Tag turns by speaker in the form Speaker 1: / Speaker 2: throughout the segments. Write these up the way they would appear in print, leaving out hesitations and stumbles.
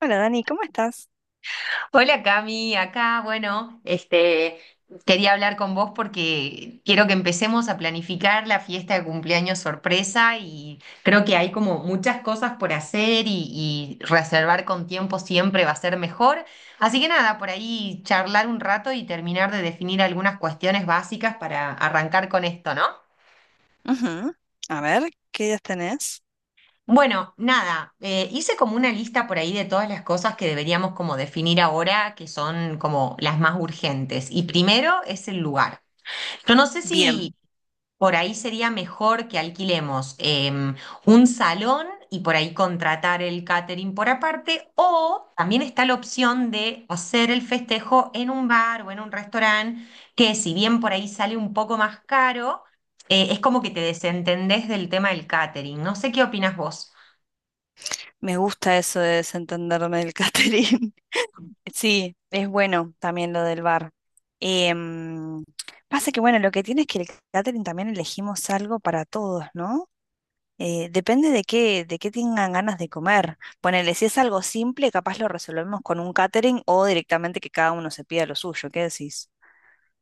Speaker 1: Hola Dani, ¿cómo estás?
Speaker 2: Hola Cami, acá, bueno, quería hablar con vos porque quiero que empecemos a planificar la fiesta de cumpleaños sorpresa y creo que hay como muchas cosas por hacer y reservar con tiempo siempre va a ser mejor. Así que nada, por ahí charlar un rato y terminar de definir algunas cuestiones básicas para arrancar con esto, ¿no?
Speaker 1: Ujú. A ver, ¿qué ideas tenés?
Speaker 2: Bueno, nada, hice como una lista por ahí de todas las cosas que deberíamos como definir ahora, que son como las más urgentes. Y primero es el lugar. Yo no sé
Speaker 1: Bien,
Speaker 2: si por ahí sería mejor que alquilemos un salón y por ahí contratar el catering por aparte, o también está la opción de hacer el festejo en un bar o en un restaurante, que si bien por ahí sale un poco más caro, es como que te desentendés del tema del catering. No sé qué opinas vos.
Speaker 1: me gusta eso de desentenderme del catering. Sí, es bueno también lo del bar. Em, Pasa que bueno, lo que tiene es que el catering también elegimos algo para todos, ¿no? Depende de qué tengan ganas de comer. Ponele, si es algo simple, capaz lo resolvemos con un catering o directamente que cada uno se pida lo suyo. ¿Qué decís?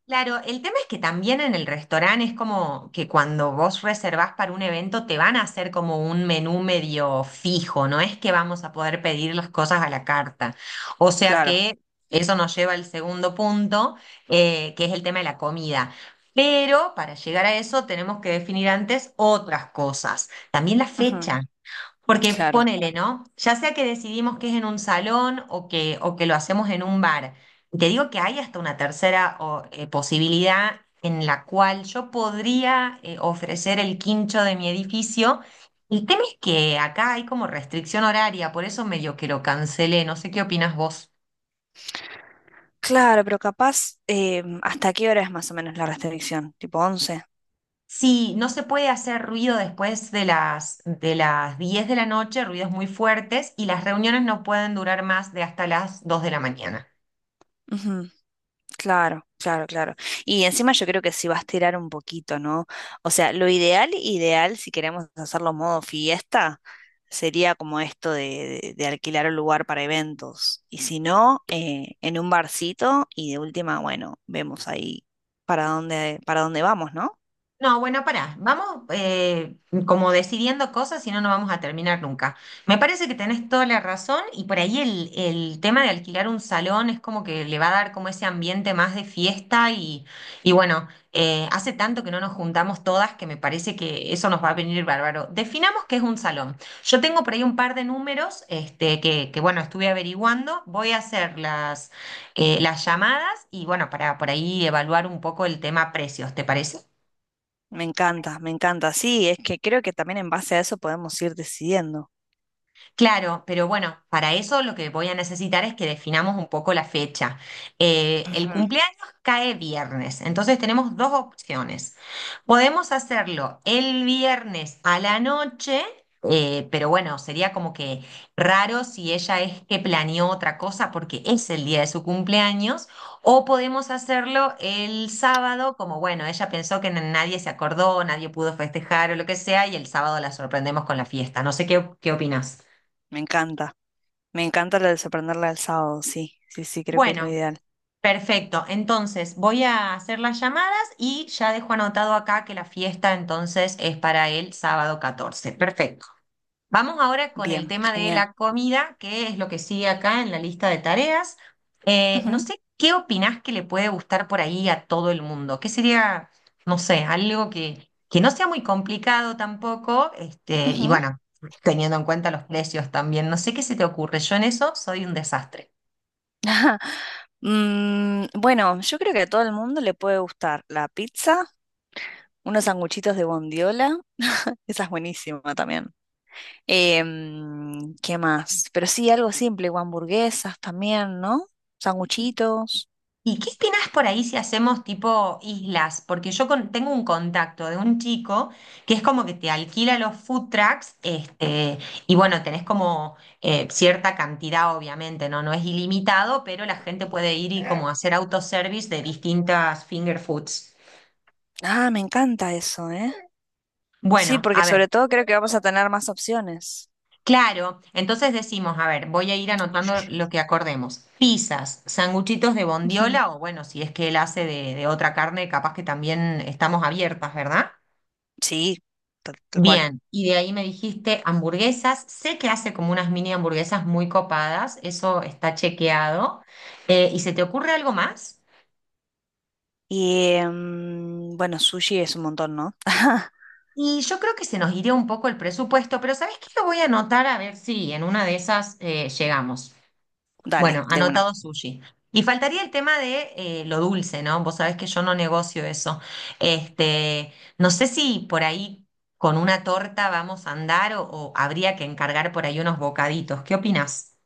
Speaker 2: Claro, el tema es que también en el restaurante es como que cuando vos reservás para un evento te van a hacer como un menú medio fijo, no es que vamos a poder pedir las cosas a la carta. O sea
Speaker 1: Claro,
Speaker 2: que eso nos lleva al segundo punto, que es el tema de la comida. Pero para llegar a eso tenemos que definir antes otras cosas. También la
Speaker 1: ujú,
Speaker 2: fecha. Porque
Speaker 1: claro.
Speaker 2: ponele, ¿no? Ya sea que decidimos que es en un salón o que lo hacemos en un bar. Te digo que hay hasta una tercera o, posibilidad en la cual yo podría ofrecer el quincho de mi edificio. El tema es que acá hay como restricción horaria, por eso medio que lo cancelé. No sé qué opinas vos.
Speaker 1: Claro, pero capaz, ¿hasta qué hora es más o menos la restricción? ¿Tipo once?
Speaker 2: Sí, no se puede hacer ruido después de las 10 de la noche, ruidos muy fuertes, y las reuniones no pueden durar más de hasta las 2 de la mañana.
Speaker 1: Ujú, claro, claro, claro. Y encima yo creo que si va a estirar un poquito, ¿no? O sea, lo ideal, ideal, si queremos hacerlo modo fiesta, sería como esto de, de alquilar un lugar para eventos. Y si no, en un barcito y de última, bueno, vemos ahí para dónde vamos, ¿no?
Speaker 2: No, bueno, pará, vamos como decidiendo cosas, si no, no vamos a terminar nunca. Me parece que tenés toda la razón y por ahí el tema de alquilar un salón es como que le va a dar como ese ambiente más de fiesta y bueno, hace tanto que no nos juntamos todas que me parece que eso nos va a venir bárbaro. Definamos qué es un salón. Yo tengo por ahí un par de números que bueno, estuve averiguando, voy a hacer las llamadas y bueno, para por ahí evaluar un poco el tema precios, ¿te parece?
Speaker 1: Me encanta, me encanta. Sí, es que creo que también en base a eso podemos ir decidiendo.
Speaker 2: Claro, pero bueno, para eso lo que voy a necesitar es que definamos un poco la fecha. El
Speaker 1: Ujú,
Speaker 2: cumpleaños cae viernes, entonces tenemos dos opciones. Podemos hacerlo el viernes a la noche, pero bueno, sería como que raro si ella es que planeó otra cosa porque es el día de su cumpleaños, o podemos hacerlo el sábado, como bueno, ella pensó que nadie se acordó, nadie pudo festejar o lo que sea, y el sábado la sorprendemos con la fiesta. No sé qué opinas.
Speaker 1: me encanta. Me encanta la de sorprenderla el sábado, sí, sí, sí, creo que es lo
Speaker 2: Bueno,
Speaker 1: ideal.
Speaker 2: perfecto. Entonces voy a hacer las llamadas y ya dejo anotado acá que la fiesta entonces es para el sábado 14. Perfecto. Vamos ahora con el
Speaker 1: Bien,
Speaker 2: tema de
Speaker 1: genial.
Speaker 2: la comida, que es lo que sigue acá en la lista de tareas. No
Speaker 1: Ujú,
Speaker 2: sé qué opinás que le puede gustar por ahí a todo el mundo. ¿Qué sería, no sé, algo que no sea muy complicado tampoco? Y
Speaker 1: ujú.
Speaker 2: bueno, teniendo en cuenta los precios también. No sé qué se te ocurre. Yo en eso soy un desastre.
Speaker 1: Bueno, yo creo que a todo el mundo le puede gustar la pizza, unos sanguchitos de bondiola, esa es buenísima también. Em, ¿qué más? Pero sí, algo simple, o hamburguesas también, ¿no? Sanguchitos.
Speaker 2: ¿Y qué opinas por ahí si hacemos tipo islas? Porque yo tengo un contacto de un chico que es como que te alquila los food trucks, y bueno, tenés como cierta cantidad, obviamente, ¿no? No es ilimitado, pero la gente puede ir y como hacer autoservice de distintas finger foods.
Speaker 1: Ah, me encanta eso, ¿eh? Sí,
Speaker 2: Bueno,
Speaker 1: porque
Speaker 2: a ver,
Speaker 1: sobre todo creo que vamos a tener más opciones.
Speaker 2: claro, entonces decimos, a ver, voy a ir anotando lo que acordemos. Pizzas, sanguchitos de
Speaker 1: Ujú.
Speaker 2: bondiola, o bueno, si es que él hace de otra carne, capaz que también estamos abiertas, ¿verdad?
Speaker 1: Sí, tal cual.
Speaker 2: Bien, y de ahí me dijiste hamburguesas. Sé que hace como unas mini hamburguesas muy copadas, eso está chequeado. ¿Y se te ocurre algo más?
Speaker 1: Y bueno, sushi es un montón, ¿no?
Speaker 2: Y yo creo que se nos iría un poco el presupuesto, pero ¿sabes qué? Lo voy a anotar a ver si en una de esas llegamos.
Speaker 1: Dale,
Speaker 2: Bueno,
Speaker 1: de una.
Speaker 2: anotado sushi. Y faltaría el tema de lo dulce, ¿no? Vos sabés que yo no negocio eso. Este, no sé si por ahí con una torta vamos a andar o habría que encargar por ahí unos bocaditos. ¿Qué opinás?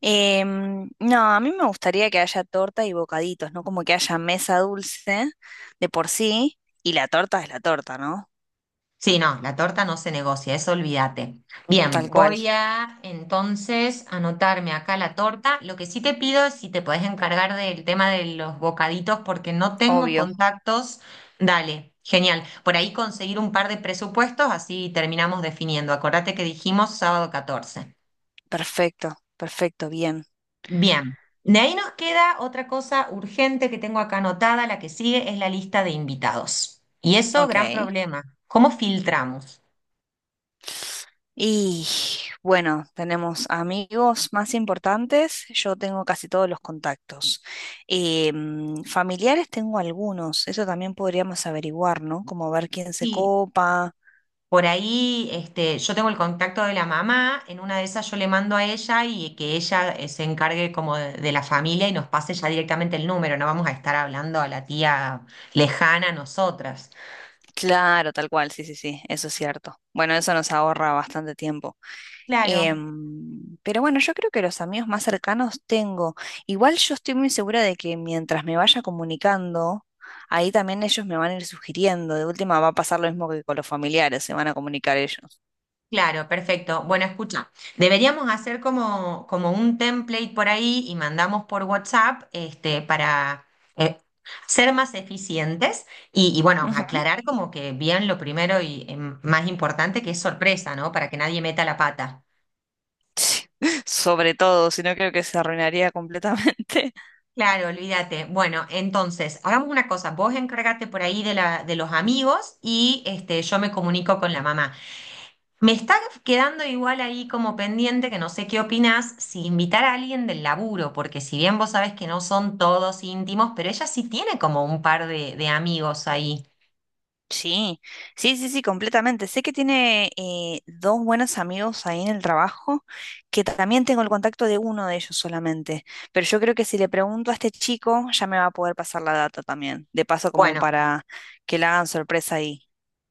Speaker 1: No, a mí me gustaría que haya torta y bocaditos, ¿no? Como que haya mesa dulce de por sí y la torta es la torta, ¿no?
Speaker 2: Sí, no, la torta no se negocia, eso olvídate.
Speaker 1: Tal
Speaker 2: Bien,
Speaker 1: cual,
Speaker 2: voy a entonces anotarme acá la torta. Lo que sí te pido es si te podés encargar del tema de los bocaditos porque no tengo
Speaker 1: obvio.
Speaker 2: contactos. Dale, genial. Por ahí conseguir un par de presupuestos, así terminamos definiendo. Acordate que dijimos sábado 14.
Speaker 1: Perfecto, perfecto, bien.
Speaker 2: Bien, de ahí nos queda otra cosa urgente que tengo acá anotada, la que sigue es la lista de invitados. Y eso, gran
Speaker 1: Ok.
Speaker 2: problema. ¿Cómo filtramos?
Speaker 1: Y bueno, tenemos amigos más importantes. Yo tengo casi todos los contactos. Em, familiares tengo algunos. Eso también podríamos averiguar, ¿no? Como ver quién se
Speaker 2: Sí.
Speaker 1: copa.
Speaker 2: Por ahí, yo tengo el contacto de la mamá, en una de esas yo le mando a ella y que ella se encargue como de la familia y nos pase ya directamente el número, no vamos a estar hablando a la tía lejana a nosotras.
Speaker 1: Claro, tal cual, sí, sí, sí, eso es cierto. Bueno, eso nos ahorra bastante tiempo.
Speaker 2: Claro,
Speaker 1: Pero bueno, yo creo que los amigos más cercanos tengo. Igual yo estoy muy segura de que mientras me vaya comunicando, ahí también ellos me van a ir sugiriendo. De última va a pasar lo mismo que con los familiares, se van a comunicar ellos.
Speaker 2: claro, perfecto. Bueno, escucha, deberíamos hacer como un template por ahí y mandamos por WhatsApp, para eh, ser más eficientes y bueno,
Speaker 1: Ujú.
Speaker 2: aclarar como que bien lo primero y más importante que es sorpresa, ¿no? Para que nadie meta la pata.
Speaker 1: Sí, sobre todo, si no creo que se arruinaría completamente.
Speaker 2: Claro, olvídate. Bueno, entonces, hagamos una cosa. Vos encárgate por ahí de los amigos y yo me comunico con la mamá. Me está quedando igual ahí como pendiente, que no sé qué opinás, si invitar a alguien del laburo, porque si bien vos sabés que no son todos íntimos, pero ella sí tiene como un par de amigos ahí.
Speaker 1: Sí, sí, sí, sí, completamente. Sé que tiene dos buenos amigos ahí en el trabajo, que también tengo el contacto de uno de ellos solamente, pero yo creo que si le pregunto a este chico ya me va a poder pasar la data también, de paso como
Speaker 2: Bueno.
Speaker 1: para que la hagan sorpresa ahí.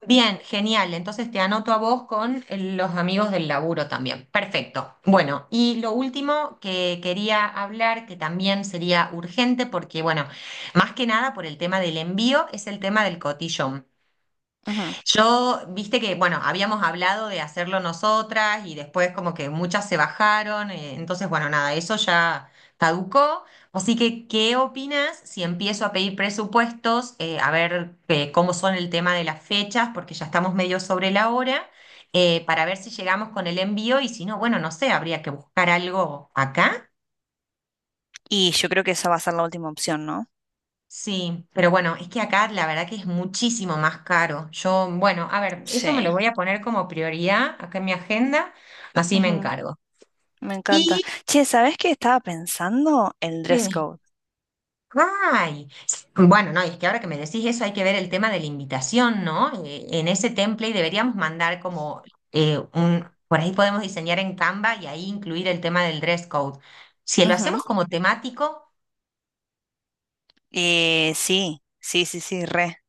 Speaker 2: Bien, genial. Entonces te anoto a vos con los amigos del laburo también. Perfecto. Bueno, y lo último que quería hablar, que también sería urgente, porque bueno, más que nada por el tema del envío, es el tema del cotillón.
Speaker 1: Ujú.
Speaker 2: Yo, viste que, bueno, habíamos hablado de hacerlo nosotras y después como que muchas se bajaron, entonces, bueno, nada, eso ya caducó. Así que, ¿qué opinas si empiezo a pedir presupuestos, a ver cómo son el tema de las fechas, porque ya estamos medio sobre la hora, para ver si llegamos con el envío y si no, bueno, no sé, habría que buscar algo acá.
Speaker 1: Y yo creo que esa va a ser la última opción, ¿no?
Speaker 2: Sí, pero bueno, es que acá la verdad que es muchísimo más caro. Yo, bueno, a ver, eso me lo
Speaker 1: Sí,
Speaker 2: voy a poner como prioridad acá en mi agenda, así me
Speaker 1: ujú,
Speaker 2: encargo.
Speaker 1: me encanta.
Speaker 2: Y
Speaker 1: Che, ¿sabés qué estaba pensando? El
Speaker 2: que,
Speaker 1: dress code.
Speaker 2: ay, sí, bueno, no, y es que ahora que me decís eso hay que ver el tema de la invitación, ¿no? En ese template deberíamos mandar como por ahí podemos diseñar en Canva y ahí incluir el tema del dress code. Si lo
Speaker 1: Ujú.
Speaker 2: hacemos como temático.
Speaker 1: Sí, sí, sí, sí, re.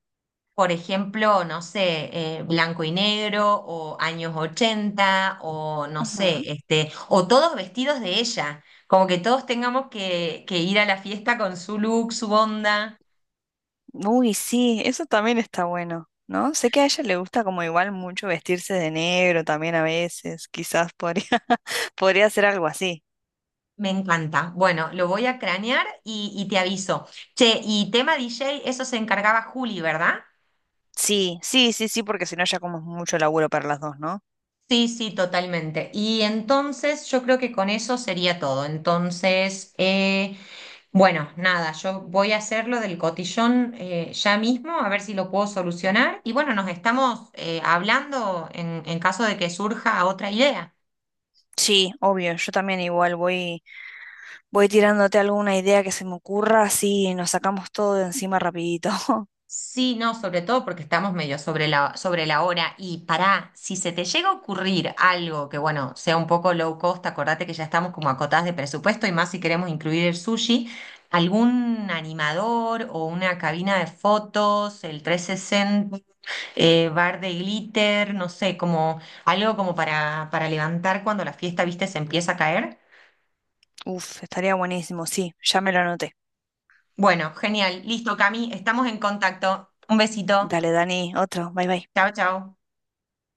Speaker 2: Por ejemplo, no sé, blanco y negro o años 80 o no sé, o todos vestidos de ella, como que todos tengamos que ir a la fiesta con su look, su onda.
Speaker 1: Uy, sí, eso también está bueno, ¿no? Sé que a ella le gusta como igual mucho vestirse de negro también a veces, quizás podría, podría hacer algo así.
Speaker 2: Me encanta. Bueno, lo voy a cranear y te aviso. Che, y tema DJ, eso se encargaba Juli, ¿verdad?
Speaker 1: Sí, sí, sí, sí, porque si no ya como es mucho laburo para las dos, ¿no?
Speaker 2: Sí, sí, totalmente. Y entonces yo creo que con eso sería todo. Entonces. Bueno, nada, yo voy a hacerlo del cotillón ya mismo, a ver si lo puedo solucionar. Y bueno, nos estamos hablando en caso de que surja otra idea.
Speaker 1: Sí, obvio, yo también igual voy, voy tirándote alguna idea que se me ocurra, así nos sacamos todo de encima rapidito.
Speaker 2: Sí, no, sobre todo porque estamos medio sobre la hora. Y pará, si se te llega a ocurrir algo que, bueno, sea un poco low cost, acordate que ya estamos como acotadas de presupuesto y más si queremos incluir el sushi, algún animador o una cabina de fotos, el 360 bar de glitter, no sé, como algo como para levantar cuando la fiesta, viste, se empieza a caer.
Speaker 1: Uf, estaría buenísimo, sí, ya me lo anoté.
Speaker 2: Bueno, genial. Listo, Cami, estamos en contacto. Un besito.
Speaker 1: Dale, Dani, otro, bye bye.
Speaker 2: Chao, chao.